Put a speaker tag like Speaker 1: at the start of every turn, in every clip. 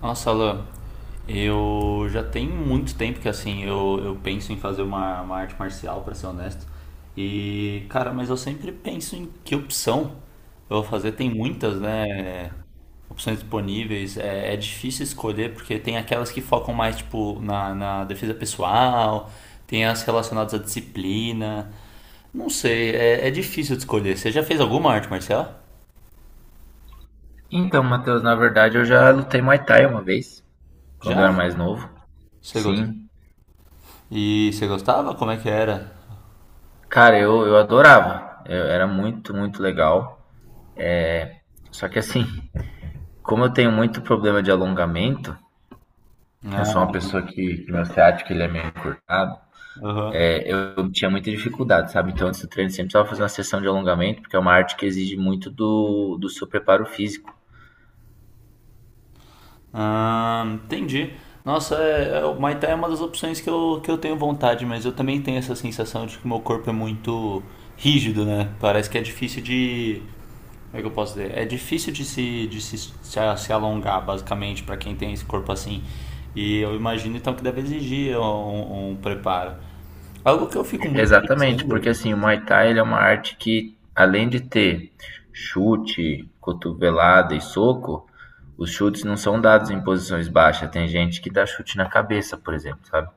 Speaker 1: Nossa, Alan, eu já tem muito tempo que assim eu penso em fazer uma arte marcial, pra ser honesto. E, cara, mas eu sempre penso em que opção eu vou fazer. Tem muitas, né? Opções disponíveis. É difícil escolher porque tem aquelas que focam mais tipo na defesa pessoal, tem as relacionadas à disciplina. Não sei, é difícil de escolher. Você já fez alguma arte marcial?
Speaker 2: Então, Matheus, na verdade eu já lutei Muay Thai uma vez, quando eu
Speaker 1: Já?
Speaker 2: era mais novo.
Speaker 1: Você gostou?
Speaker 2: Sim.
Speaker 1: E você gostava? Como é que era?
Speaker 2: Cara, eu adorava. Era muito, muito legal. Só que assim, como eu tenho muito problema de alongamento,
Speaker 1: Né?
Speaker 2: eu sou uma pessoa que meu ciático ele é meio encurtado,
Speaker 1: Aham.
Speaker 2: eu tinha muita dificuldade, sabe? Então antes do treino sempre precisava fazer uma sessão de alongamento, porque é uma arte que exige muito do seu preparo físico.
Speaker 1: Ah, entendi. Nossa, é, é, o Muay Thai é uma das opções que eu tenho vontade, mas eu também tenho essa sensação de que meu corpo é muito rígido, né? Parece que é difícil de. Como é que eu posso dizer? É difícil de se, se, a- se alongar, basicamente, pra quem tem esse corpo assim. E eu imagino então que deve exigir um, um preparo. Algo que eu fico muito
Speaker 2: Exatamente, porque
Speaker 1: pensando.
Speaker 2: assim, o Muay Thai ele é uma arte que, além de ter chute, cotovelada e soco, os chutes não são dados em posições baixas. Tem gente que dá chute na cabeça, por exemplo, sabe?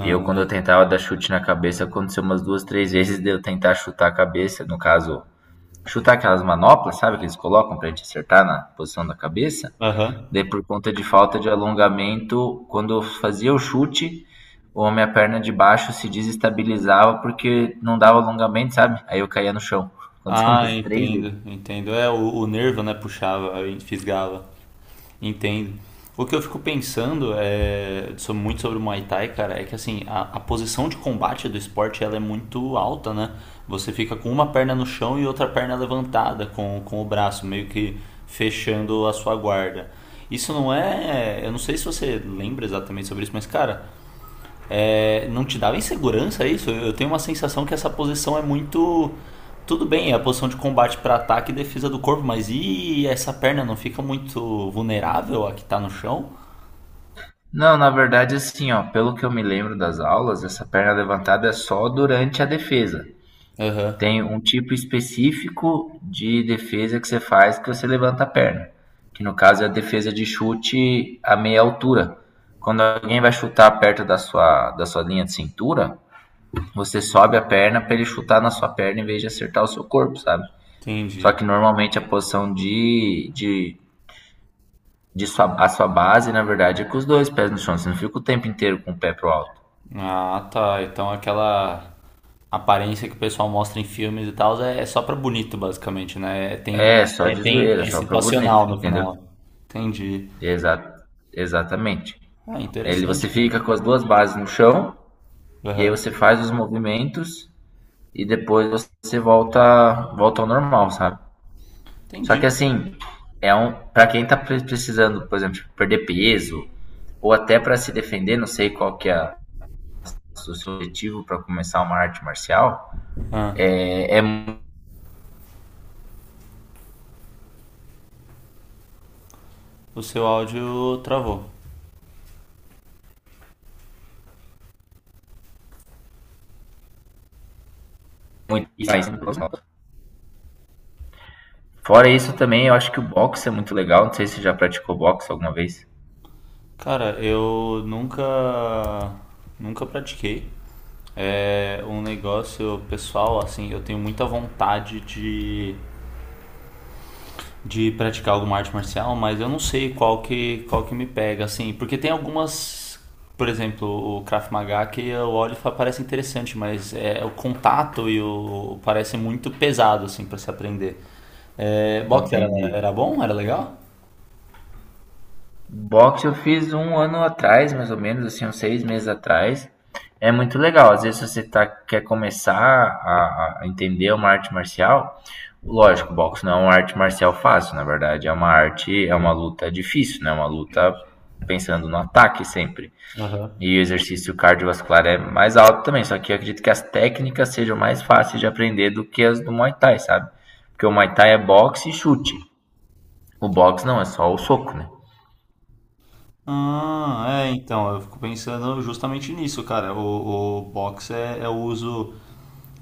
Speaker 2: Eu, quando eu tentava dar chute na cabeça, aconteceu umas duas, três vezes de eu tentar chutar a cabeça, no caso, chutar aquelas manoplas, sabe, que eles colocam pra gente acertar na posição da cabeça.
Speaker 1: aham.
Speaker 2: Daí, por conta de falta de alongamento, quando eu fazia o chute, ou a minha perna de baixo se desestabilizava porque não dava alongamento, sabe? Aí eu caía no chão. Aconteceu
Speaker 1: Ah,
Speaker 2: umas três vezes.
Speaker 1: entendo, entendo. É, o nervo, né, puxava, fisgava. Entendo. O que eu fico pensando é, sobre- muito sobre o Muay Thai, cara, é que assim, a posição de combate do esporte ela é muito alta, né? Você fica com uma perna no chão e outra perna levantada com o braço, meio que fechando a sua guarda. Isso não é. Eu não sei se você lembra exatamente sobre isso, mas, cara, é, não te dava insegurança isso? Eu tenho uma sensação que essa posição é muito. Tudo bem, é a posição de combate para ataque e defesa do corpo, mas e essa perna não fica muito vulnerável a que tá no chão?
Speaker 2: Não, na verdade, assim, ó, pelo que eu me lembro das aulas, essa perna levantada é só durante a defesa.
Speaker 1: Aham,
Speaker 2: Tem um tipo específico de defesa que você faz que você levanta a perna, que no caso é a defesa de chute a meia altura. Quando alguém vai chutar perto da sua linha de cintura, você sobe a perna para ele chutar na sua perna em vez de acertar o seu corpo, sabe? Só
Speaker 1: entendi.
Speaker 2: que normalmente a posição de a sua base, na verdade, é com os dois pés no chão. Você não fica o tempo inteiro com o pé pro alto.
Speaker 1: Ah, tá. Então aquela aparência que o pessoal mostra em filmes e tal é é só pra bonito, basicamente, né? Tem uma.
Speaker 2: É, só
Speaker 1: É,
Speaker 2: de
Speaker 1: tem,
Speaker 2: zoeira,
Speaker 1: é
Speaker 2: só pra
Speaker 1: situacional
Speaker 2: bonito,
Speaker 1: no
Speaker 2: entendeu?
Speaker 1: final. Entendi.
Speaker 2: Exa Exatamente.
Speaker 1: Ah,
Speaker 2: Ele,
Speaker 1: interessante,
Speaker 2: você
Speaker 1: cara.
Speaker 2: fica com as duas bases no chão, e aí
Speaker 1: Aham,
Speaker 2: você faz os movimentos, e depois você volta, volta ao normal, sabe? Só que
Speaker 1: entendi.
Speaker 2: assim, é um, pra quem tá precisando, por exemplo, perder peso, ou até para se defender, não sei qual que é o seu objetivo para começar uma arte marcial,
Speaker 1: Ah,
Speaker 2: é, é
Speaker 1: o seu áudio travou.
Speaker 2: Fora isso também, eu acho que o boxe é muito legal. Não sei se você já praticou boxe alguma vez.
Speaker 1: Cara, eu nunca pratiquei. É um negócio pessoal, assim, eu tenho muita vontade de praticar alguma arte marcial, mas eu não sei qual que me pega, assim, porque tem algumas, por exemplo, o Krav Maga que eu olho e falo, parece interessante, mas é, o contato e o parece muito pesado, assim, para se aprender. É, boxe era,
Speaker 2: Entendi.
Speaker 1: era bom? Era legal?
Speaker 2: Boxe eu fiz um ano atrás, mais ou menos, assim, uns seis meses atrás. É muito legal. Às vezes você tá, quer começar a entender uma arte marcial. Lógico, boxe não é uma arte marcial fácil, na verdade. É uma arte, é uma luta difícil, né? É uma luta pensando no ataque sempre.
Speaker 1: Aham.
Speaker 2: E o exercício cardiovascular é mais alto também, só que eu acredito que as técnicas sejam mais fáceis de aprender do que as do Muay Thai, sabe? Porque o Muay Thai é boxe e chute. O boxe não, é só o soco, né?
Speaker 1: Ah, é, então, eu fico pensando justamente nisso, cara. O box é, é o uso,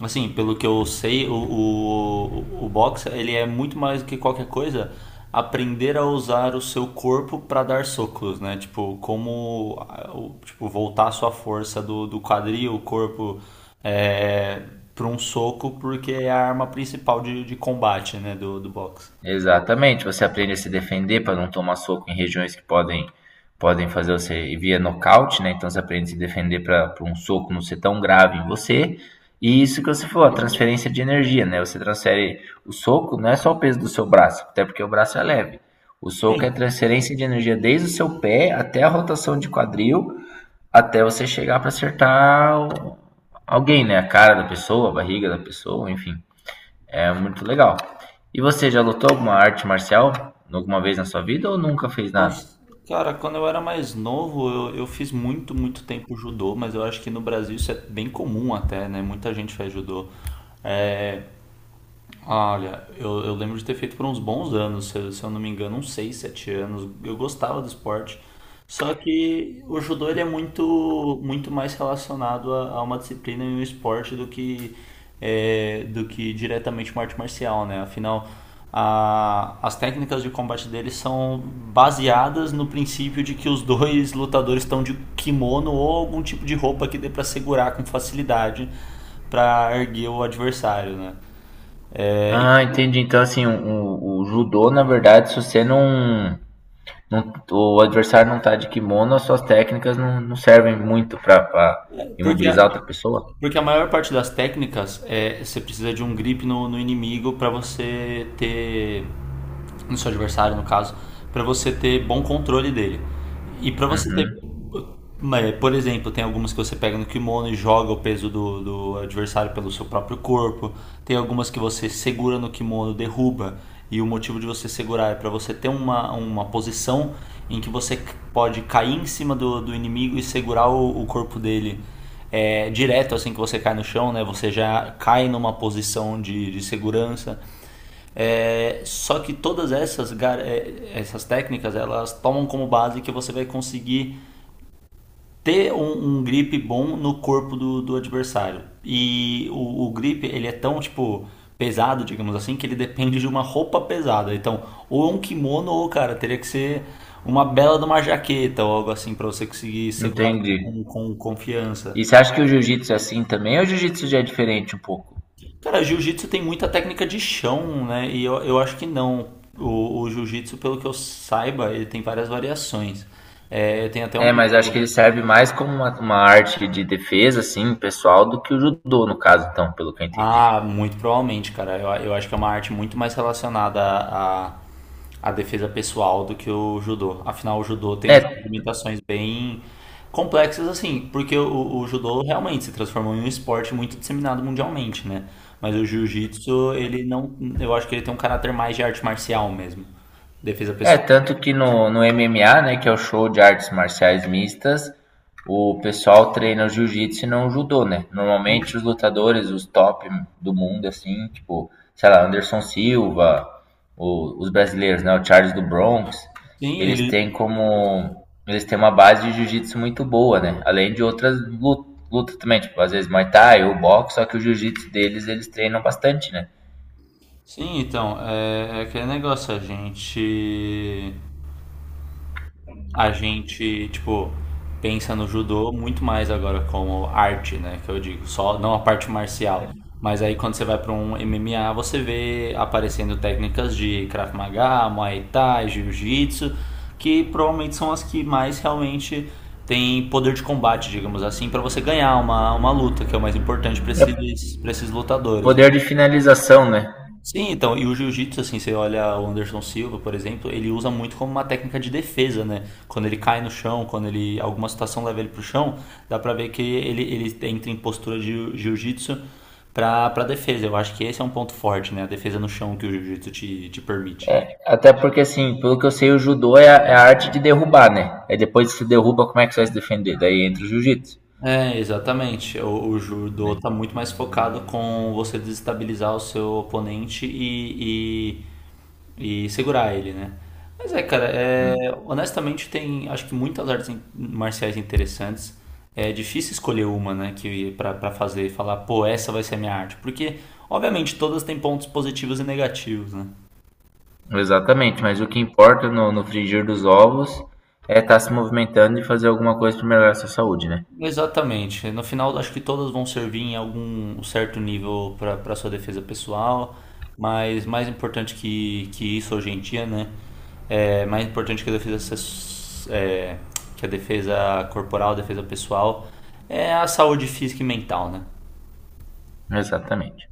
Speaker 1: assim, pelo que eu sei, o box, ele é muito mais do que qualquer coisa, aprender a usar o seu corpo para dar socos, né? Tipo, como, ah, o- tipo, voltar a sua força do, do quadril, o corpo, é, para um soco, porque é a arma principal de combate, né, do, do boxe.
Speaker 2: Exatamente, você aprende a se defender para não tomar soco em regiões que podem fazer você via nocaute, né? Então você aprende a se defender para um soco não ser tão grave em você. E isso que você falou, a transferência de energia, né? Você transfere o soco, não é só o peso do seu braço, até porque o braço é leve. O soco é transferência de energia desde o seu pé até a rotação de quadril, até você chegar para acertar alguém, né? A cara da pessoa, a barriga da pessoa, enfim. É muito legal. E você já lutou alguma arte marcial alguma vez na sua vida ou nunca fez nada?
Speaker 1: Nossa, cara, quando eu era mais novo, eu fiz muito tempo judô, mas eu acho que no Brasil isso é bem comum até, né? Muita gente faz judô. É, ah, olha, eu lembro de ter feito por uns bons anos, se, eu se eu não me engano, uns 6, 7 anos. Eu gostava do esporte. Só que o judô ele é muito mais relacionado a uma disciplina e um esporte do que, é, do que diretamente uma arte marcial, né? Afinal, a- as técnicas de combate deles são baseadas no princípio de que os dois lutadores estão de kimono ou algum tipo de roupa que dê para segurar com facilidade para erguer o adversário, né? É,
Speaker 2: Ah, entendi. Então, assim, o judô, na verdade, se você não, o adversário não tá de kimono, as suas técnicas não, não servem muito para
Speaker 1: porque a,
Speaker 2: imobilizar outra pessoa?
Speaker 1: porque a maior parte das técnicas é você precisa de um grip no inimigo para você ter. No seu adversário, no caso, para você ter bom controle dele. E para você ter.
Speaker 2: Uhum,
Speaker 1: É, por exemplo, tem algumas que você pega no kimono e joga o peso do adversário pelo seu próprio corpo. Tem algumas que você segura no kimono, derruba. E o motivo de você segurar é para você ter uma posição em que você c- pode cair em cima do inimigo e segurar o corpo dele é, direto assim que você cai no chão, né? Você já cai numa posição de segurança. É, só que todas essas, essas técnicas, elas tomam como base que você vai conseguir ter um, um grip bom no corpo do adversário. E o grip, ele é tão, tipo, pesado, digamos assim, que ele depende de uma roupa pesada. Então, ou um kimono, ou, cara, teria que ser uma bela de uma jaqueta ou algo assim para você conseguir segurar com,
Speaker 2: entendi.
Speaker 1: com, com confiança.
Speaker 2: E você acha que o jiu-jitsu é assim também ou o jiu-jitsu já é diferente um pouco?
Speaker 1: Cara, jiu-jitsu tem muita técnica de chão, né? E eu acho que não. O jiu-jitsu, pelo que eu saiba, ele tem várias variações. É, eu tenho até um
Speaker 2: É,
Speaker 1: amigo.
Speaker 2: mas acho que ele serve mais como uma arte de defesa, assim, pessoal, do que o judô, no caso, então, pelo que eu entendi.
Speaker 1: Ah, muito provavelmente, cara. Eu acho que é uma arte muito mais relacionada à, à, defesa pessoal do que o judô. Afinal, o judô tem essas
Speaker 2: É,
Speaker 1: limitações bem complexas, assim, porque o judô realmente se transformou em um esporte muito disseminado mundialmente, né? Mas o jiu-jitsu, ele não. Eu acho que ele tem um caráter mais de arte marcial mesmo. Defesa pessoal.
Speaker 2: Tanto que no, no MMA, né, que é o show de artes marciais mistas, o pessoal treina o jiu-jitsu e não o judô, né? Normalmente
Speaker 1: Sim,
Speaker 2: os lutadores, os top do mundo, assim, tipo, sei lá, Anderson Silva, os brasileiros, né, o Charles do Bronx,
Speaker 1: sim,
Speaker 2: eles têm
Speaker 1: ele.
Speaker 2: como... Eles têm uma base de jiu-jitsu muito boa, né? Além de outras lutas, lutas também, tipo, às vezes Muay Thai ou boxe, só que o jiu-jitsu deles, eles treinam bastante, né?
Speaker 1: Sim, então, é, é aquele negócio, a gente. A gente, tipo, pensa no judô muito mais agora como arte, né? Que eu digo, só não a parte marcial. Mas aí quando você vai para um MMA, você vê aparecendo técnicas de Krav Maga, Muay Thai, Jiu-Jitsu, que provavelmente são as que mais realmente têm poder de combate, digamos assim, para você ganhar uma luta, que é o mais importante
Speaker 2: É
Speaker 1: para esses lutadores, né?
Speaker 2: poder de finalização, né?
Speaker 1: Sim, então, e o jiu-jitsu, assim, você olha o Anderson Silva, por exemplo, ele usa muito como uma técnica de defesa, né? Quando ele cai no chão, quando ele alguma situação leva ele pro chão, dá pra ver que ele entra em postura de jiu- jiu-jitsu pra, pra defesa. Eu acho que esse é um ponto forte, né? A defesa no chão que o jiu-jitsu te, te permite.
Speaker 2: Até porque, assim, pelo que eu sei, o judô é a, é a arte de derrubar, né? É depois que se derruba, como é que você vai se defender? Daí entra o jiu-jitsu,
Speaker 1: É, exatamente. O judô
Speaker 2: né?
Speaker 1: tá muito mais focado com você desestabilizar o seu oponente e segurar ele, né? Mas é, cara,
Speaker 2: Hum.
Speaker 1: é, honestamente tem, acho que muitas artes in- marciais interessantes. É difícil escolher uma, né, que para fazer, falar, pô, essa vai ser a minha arte, porque obviamente todas têm pontos positivos e negativos, né?
Speaker 2: Exatamente, mas o que importa no frigir dos ovos é estar se movimentando e fazer alguma coisa para melhorar a sua saúde, né?
Speaker 1: Exatamente. No final, acho que todas vão servir em algum certo nível para sua defesa pessoal, mas mais importante que isso hoje em dia, né? É mais importante que a defesa se- é, que a defesa corporal, a defesa pessoal, é a saúde física e mental, né?
Speaker 2: Exatamente.